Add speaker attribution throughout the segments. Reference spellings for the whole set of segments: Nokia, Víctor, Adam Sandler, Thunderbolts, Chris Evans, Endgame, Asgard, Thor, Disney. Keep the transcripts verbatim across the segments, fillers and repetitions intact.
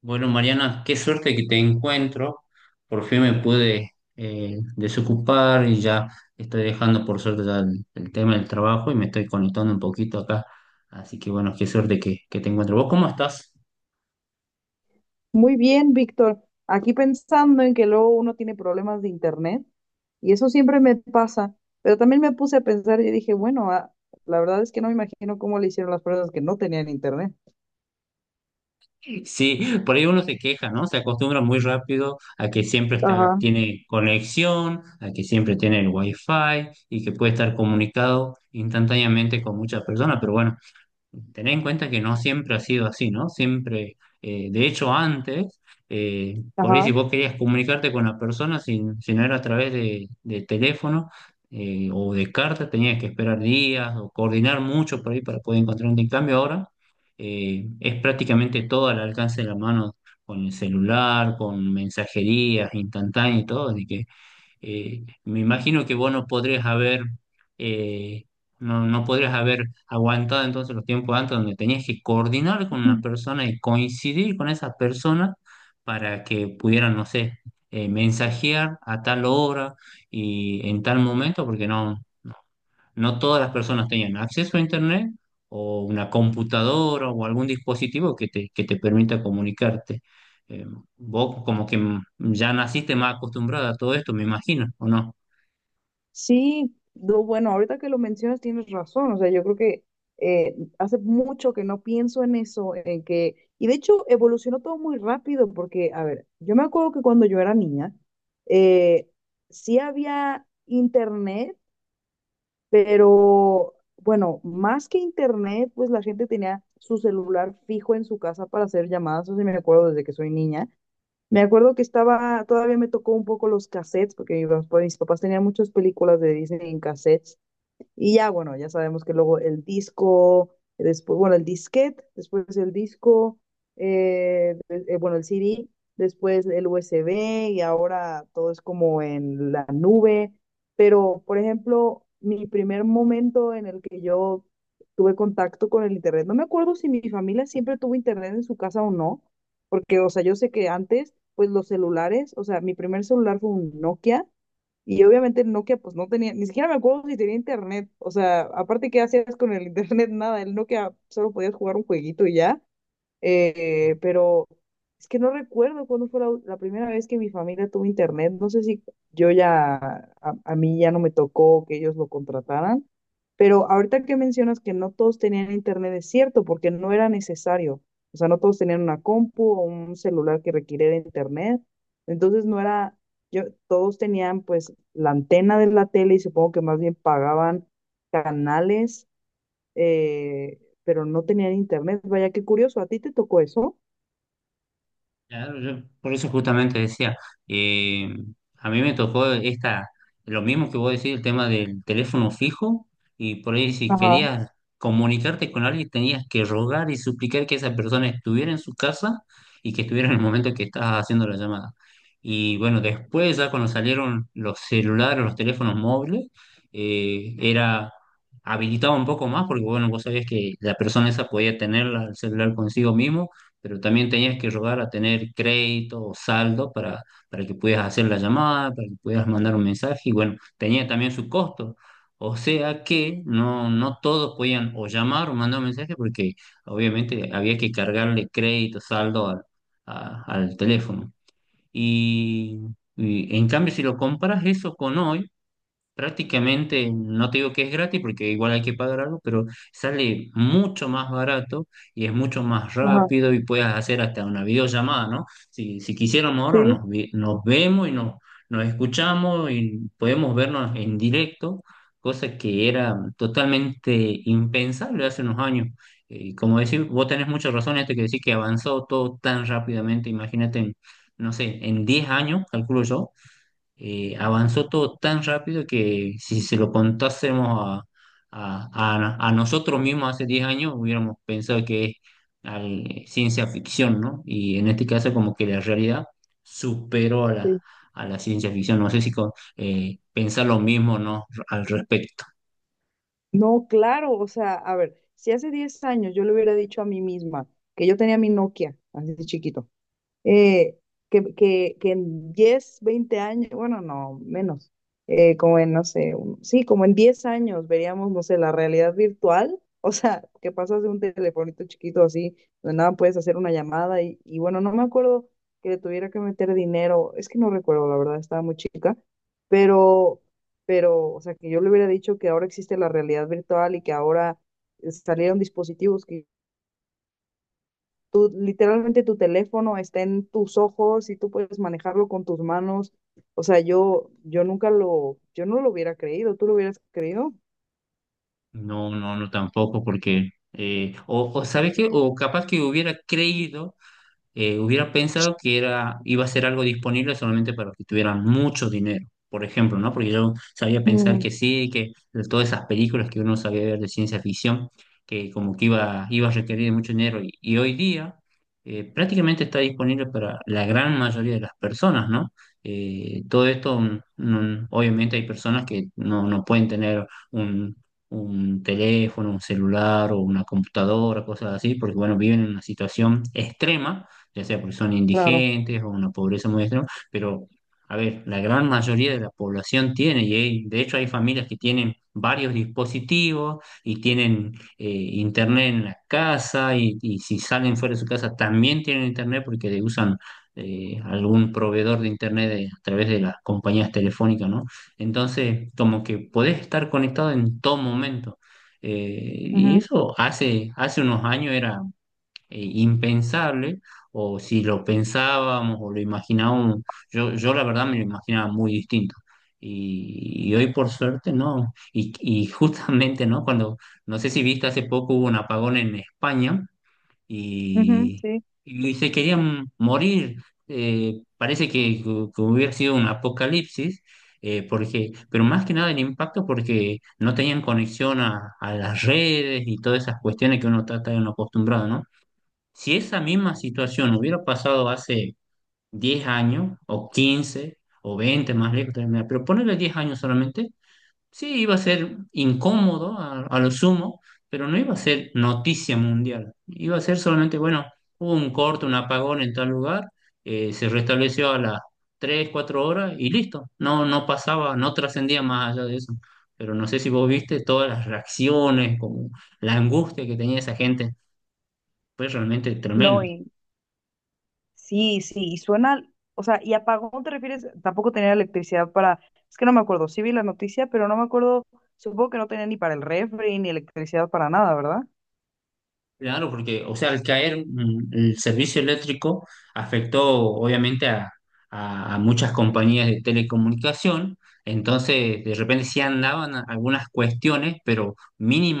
Speaker 1: Bueno, Mariana, qué suerte que te encuentro. Por fin me pude eh, desocupar y ya estoy dejando por suerte ya el, el tema del trabajo y me estoy conectando un poquito acá. Así que bueno, qué suerte que, que te encuentro. ¿Vos cómo estás?
Speaker 2: Muy bien, Víctor. Aquí pensando en que luego uno tiene problemas de internet y eso siempre me pasa, pero también me puse a pensar y dije, bueno, ah, la verdad es que no me imagino cómo le hicieron las personas que no tenían internet.
Speaker 1: Sí, por ahí uno se queja, ¿no? Se acostumbra muy rápido a que siempre está,
Speaker 2: Ajá,
Speaker 1: tiene conexión, a que siempre tiene el wifi y que puede estar comunicado instantáneamente con muchas personas. Pero bueno, tener en cuenta que no siempre ha sido así, ¿no? Siempre, eh, de hecho, antes, eh, por ahí si
Speaker 2: ajá.
Speaker 1: vos querías comunicarte con la persona, si, si no era a través de, de teléfono eh, o de carta, tenías que esperar días o coordinar mucho por ahí para poder encontrar un cambio. Ahora eh, es prácticamente todo al alcance de la mano con el celular, con mensajerías instantáneas y todo, de que eh, me imagino que vos no podrías haber, eh, no, no podrías haber aguantado entonces los tiempos antes donde tenías que coordinar con una persona y coincidir con esa persona para que pudieran, no sé, eh, mensajear a tal hora y en tal momento, porque no, no todas las personas tenían acceso a internet o una computadora o algún dispositivo que te, que te permita comunicarte. Eh, Vos como que ya naciste más acostumbrada a todo esto, me imagino, ¿o no?
Speaker 2: Sí, no, bueno, ahorita que lo mencionas tienes razón, o sea, yo creo que eh, hace mucho que no pienso en eso, en que, y de hecho evolucionó todo muy rápido, porque, a ver, yo me acuerdo que cuando yo era niña, eh, sí había internet. Pero bueno, más que internet, pues la gente tenía su celular fijo en su casa para hacer llamadas, eso sí me acuerdo desde que soy niña. Me acuerdo que estaba, todavía me tocó un poco los cassettes, porque mi papá- mis papás tenían muchas películas de Disney en cassettes. Y ya, bueno, ya sabemos que luego el disco, después, bueno, el disquete, después el disco, eh, eh, bueno, el C D, después el U S B y ahora todo es como en la nube. Pero, por ejemplo, mi primer momento en el que yo tuve contacto con el internet, no me acuerdo si mi familia siempre tuvo internet en su casa o no, porque, o sea, yo sé que antes, pues los celulares, o sea, mi primer celular fue un Nokia y obviamente Nokia, pues no tenía, ni siquiera me acuerdo si tenía internet. O sea, aparte, ¿qué hacías con el internet? Nada, el Nokia solo podías jugar un jueguito y ya. Eh, pero es que no recuerdo cuándo fue la, la primera vez que mi familia tuvo internet. No sé si yo ya, a, a mí ya no me tocó que ellos lo contrataran, pero ahorita que mencionas que no todos tenían internet, es cierto, porque no era necesario. O sea, no todos tenían una compu o un celular que requiriera internet. Entonces no era, yo, todos tenían pues la antena de la tele y supongo que más bien pagaban canales, eh, pero no tenían internet. Vaya, qué curioso, ¿a ti te tocó eso?
Speaker 1: Claro, yo por eso justamente decía, eh, a mí me tocó esta, lo mismo que vos decís, el tema del teléfono fijo, y por ahí si
Speaker 2: Ajá,
Speaker 1: querías comunicarte con alguien tenías que rogar y suplicar que esa persona estuviera en su casa y que estuviera en el momento que estabas haciendo la llamada. Y bueno, después ya cuando salieron los celulares, los teléfonos móviles, eh, era habilitado un poco más porque bueno, vos sabías que la persona esa podía tener la- el celular consigo mismo, pero también tenías que rogar a tener crédito o saldo para, para que pudieras hacer la llamada, para que pudieras mandar un mensaje, y bueno, tenía también su costo. O sea que no, no todos podían o llamar o mandar un mensaje porque obviamente había que cargarle crédito, saldo al, a- al teléfono. Y, y en cambio, si lo comparas eso con hoy, prácticamente, no te digo que es gratis porque igual hay que pagar algo, pero sale mucho más barato y es mucho más
Speaker 2: ajá,
Speaker 1: rápido y puedes hacer hasta una videollamada, ¿no? Si, si quisiéramos ahora
Speaker 2: sí,
Speaker 1: nos, vi- nos vemos y nos, nos escuchamos y podemos vernos en directo, cosa que era totalmente impensable hace unos años. Eh, Y como decís, vos tenés mucha razón en esto que decís que avanzó todo tan rápidamente, imagínate, en, no sé, en diez años, calculo yo. Eh, avanzó todo tan rápido que si se lo contásemos a, a- a- a nosotros mismos hace diez años, hubiéramos pensado que es al- eh, ciencia ficción, ¿no? Y en este caso como que la realidad superó a la,
Speaker 2: sí.
Speaker 1: a la ciencia ficción. No sé si con- eh, pensar lo mismo, ¿no? Al respecto.
Speaker 2: No, claro, o sea, a ver, si hace diez años yo le hubiera dicho a mí misma que yo tenía mi Nokia, así de chiquito, eh, que, que, que en diez veinte años, bueno, no, menos, eh, como en, no sé, un- sí, como en diez años veríamos, no sé, la realidad virtual. O sea, que pasas de un telefonito chiquito así, donde nada puedes hacer una llamada y, y bueno, no me acuerdo que le tuviera que meter dinero, es que no recuerdo, la verdad, estaba muy chica, pero, pero, o sea, que yo le hubiera dicho que ahora existe la realidad virtual y que ahora eh, salieron dispositivos que tú, literalmente tu teléfono está en tus ojos y tú puedes manejarlo con tus manos. O sea, yo, yo nunca lo, yo no lo hubiera creído. ¿Tú lo hubieras creído?
Speaker 1: No, no, no tampoco, porque eh, o, o ¿sabes qué? O capaz que hubiera creído, eh, hubiera pensado que era, iba a ser algo disponible solamente para los que tuvieran mucho dinero, por ejemplo, ¿no? Porque yo sabía pensar
Speaker 2: Mm,
Speaker 1: que sí, que de todas esas películas que uno sabía ver de ciencia ficción, que como que iba, iba a requerir de mucho dinero. Y, y hoy día eh, prácticamente está disponible para la gran mayoría de las personas, ¿no? Eh, todo esto, mm, mm, obviamente hay personas que no, no pueden tener un... un teléfono, un celular o una computadora, cosas así, porque bueno, viven en una situación extrema, ya sea porque son
Speaker 2: claro.
Speaker 1: indigentes o una pobreza muy extrema, pero a ver, la gran mayoría de la población tiene, y hay- de hecho hay familias que tienen varios dispositivos y tienen eh, internet en la casa y, y si salen fuera de su casa también tienen internet porque le usan eh, algún proveedor de internet de- a través de las compañías telefónicas, ¿no? Entonces, como que podés estar conectado en todo momento. Eh, y
Speaker 2: Ujú,
Speaker 1: eso hace, hace unos años era eh, impensable, o si lo pensábamos o lo imaginábamos, yo, yo la verdad me lo imaginaba muy distinto. Y, y hoy por suerte no. Y, y justamente, ¿no? Cuando, no sé si viste, hace poco hubo un apagón en España
Speaker 2: ujú,
Speaker 1: y,
Speaker 2: sí.
Speaker 1: y se querían morir. Eh, parece que, que hubiera sido un apocalipsis. Eh, porque, pero más que nada el impacto porque no tenían conexión a, a las redes y todas esas cuestiones que uno está tan acostumbrado, ¿no? Si esa misma situación hubiera pasado hace diez años, o quince o veinte más lejos, pero ponerle diez años solamente, sí iba a ser incómodo a, a lo sumo, pero no iba a ser noticia mundial. Iba a ser solamente, bueno, hubo un corte, un apagón en tal lugar, eh, se restableció a las tres o cuatro horas y listo. No, no pasaba, no trascendía más allá de eso. Pero no sé si vos viste todas las reacciones, como la angustia que tenía esa gente. Fue realmente
Speaker 2: No,
Speaker 1: tremendo.
Speaker 2: y sí, sí, y suena, o sea, ¿y apagón te refieres? Tampoco tenía electricidad para, es que no me acuerdo, sí vi la noticia, pero no me acuerdo, supongo que no tenía ni para el refri, ni electricidad para nada, ¿verdad?
Speaker 1: Claro, porque, o sea, al caer mm, el servicio eléctrico afectó obviamente a, a- a muchas compañías de telecomunicación, entonces de repente sí andaban a- algunas cuestiones, pero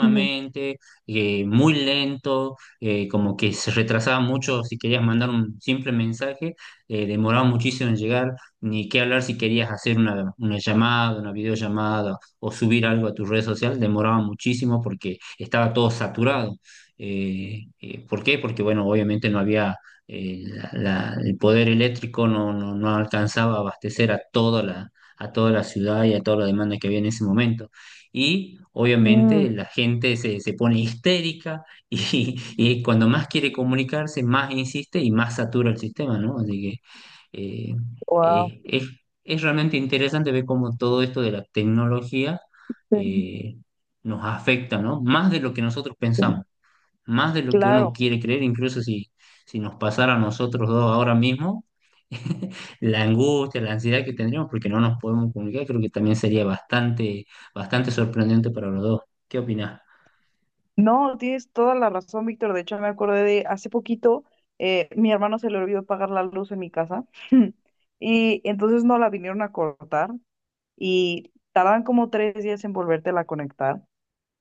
Speaker 2: Ujú.
Speaker 1: eh, muy lento, eh, como que se retrasaba mucho si querías mandar un simple mensaje, eh, demoraba muchísimo en llegar, ni qué hablar si querías hacer una, una llamada, una videollamada o subir algo a tu red social, demoraba muchísimo porque estaba todo saturado. Eh, eh, ¿por qué? Porque, bueno, obviamente no había eh, la- la- el poder eléctrico, no, no, no alcanzaba a abastecer a toda la, a toda la ciudad y a toda la demanda que había en ese momento. Y
Speaker 2: Mm.
Speaker 1: obviamente la gente se, se pone histérica y, y cuando más quiere comunicarse, más insiste y más satura el sistema, ¿no? Así que eh,
Speaker 2: Wow.
Speaker 1: eh, es, es realmente interesante ver cómo todo esto de la tecnología
Speaker 2: Sí,
Speaker 1: eh, nos afecta, ¿no? Más de lo que nosotros
Speaker 2: sí.
Speaker 1: pensamos, más de lo que uno
Speaker 2: Claro.
Speaker 1: quiere creer, incluso si, si nos pasara a nosotros dos ahora mismo, la angustia, la ansiedad que tendríamos porque no nos podemos comunicar, creo que también sería bastante, bastante sorprendente para los dos. ¿Qué opinás?
Speaker 2: No, tienes toda la razón, Víctor. De hecho, me acordé de hace poquito, eh, mi hermano se le olvidó pagar la luz en mi casa. Y entonces no la vinieron a cortar y tardan como tres días en volvértela a conectar.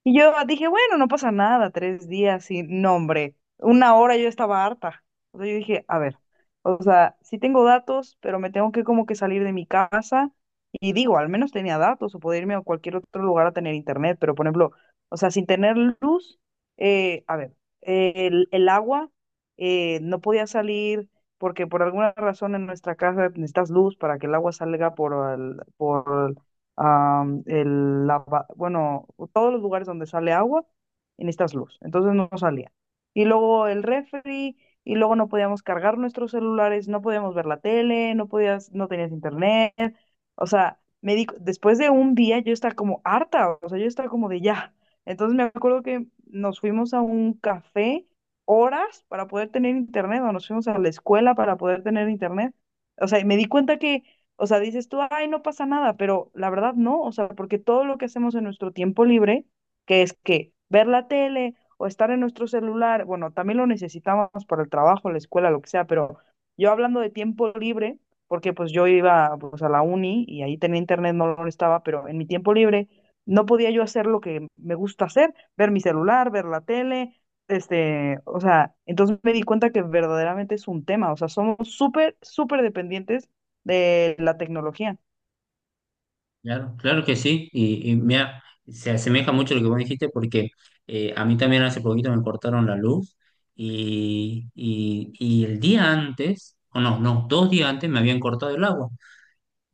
Speaker 2: Y yo dije, bueno, no pasa nada, tres días sin nombre. Una hora yo estaba harta. O sea, yo dije, a ver, o sea, sí tengo datos, pero me tengo que como que salir de mi casa. Y digo, al menos tenía datos o poder irme a cualquier otro lugar a tener internet. Pero, por ejemplo, o sea, sin tener luz, eh, a ver, eh, el, el agua, eh, no podía salir porque por alguna razón en nuestra casa necesitas luz para que el agua salga por, al- por am, el lava- bueno, todos los lugares donde sale agua y necesitas luz. Entonces no salía. Y luego el refri, y luego no podíamos cargar nuestros celulares, no podíamos ver la tele, no podías, no tenías internet. O sea, me di, después de un día yo estaba como harta, o sea, yo estaba como de ya. Entonces me acuerdo que nos fuimos a un café horas para poder tener internet, o nos fuimos a la escuela para poder tener internet. O sea, y me di cuenta que o sea, dices tú, ay, no pasa nada, pero la verdad no, o sea, porque todo lo que hacemos en nuestro tiempo libre, que es que ver la tele o estar en nuestro celular, bueno, también lo necesitamos para el trabajo, la escuela, lo que sea, pero yo hablando de tiempo libre, porque pues yo iba pues a la uni y ahí tenía internet, no lo estaba, pero en mi tiempo libre no podía yo hacer lo que me gusta hacer, ver mi celular, ver la tele, este, o sea, entonces me di cuenta que verdaderamente es un tema, o sea, somos súper, súper dependientes de la tecnología.
Speaker 1: Claro, claro que sí, y, y mira, se asemeja mucho a lo que vos dijiste porque eh, a mí también hace poquito me cortaron la luz y, y, y el día antes, o no, no, dos días antes me habían cortado el agua.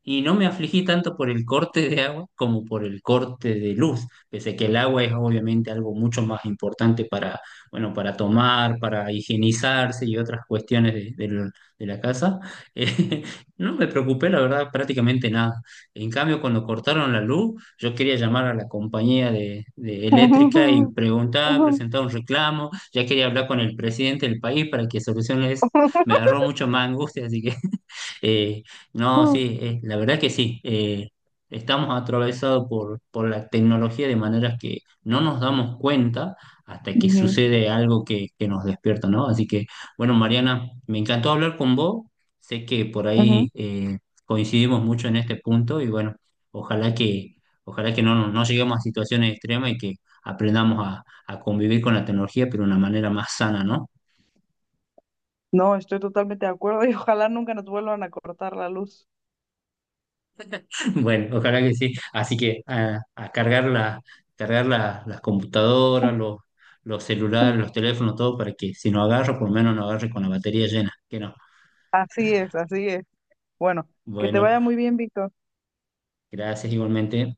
Speaker 1: Y no me afligí tanto por el corte de agua como por el corte de luz, pese que el agua es obviamente algo mucho más importante para, bueno, para tomar, para higienizarse y otras cuestiones de, de lo- de la casa. Eh, no me preocupé, la verdad, prácticamente nada. En cambio, cuando cortaron la luz, yo quería llamar a la compañía de, de eléctrica y
Speaker 2: Ujú,
Speaker 1: preguntar,
Speaker 2: ujú.
Speaker 1: presentar un reclamo, ya quería hablar con el presidente del país para que solucione eso. Me agarró mucho más angustia, así que... Eh, no,
Speaker 2: Ujú,
Speaker 1: Sí, eh, la verdad que sí. Eh, estamos atravesados por, por la tecnología de maneras que no nos damos cuenta hasta que
Speaker 2: ujú,
Speaker 1: sucede algo que, que nos despierta, ¿no? Así que, bueno, Mariana, me encantó hablar con vos. Sé que por ahí
Speaker 2: ujú.
Speaker 1: eh, coincidimos mucho en este punto y bueno, ojalá que, ojalá que no, nos- no lleguemos a situaciones extremas y que aprendamos a, a convivir con la tecnología, pero de una manera más sana, ¿no?
Speaker 2: No, estoy totalmente de acuerdo y ojalá nunca nos vuelvan a cortar la luz.
Speaker 1: Bueno, ojalá que sí. Así que a, a cargar la, cargar la- las computadoras, los, los celulares, los teléfonos, todo para que si no agarro, por lo menos no agarre con la batería llena. Que no.
Speaker 2: Así es, así es. Bueno, que te
Speaker 1: Bueno,
Speaker 2: vaya muy bien, Víctor.
Speaker 1: gracias igualmente.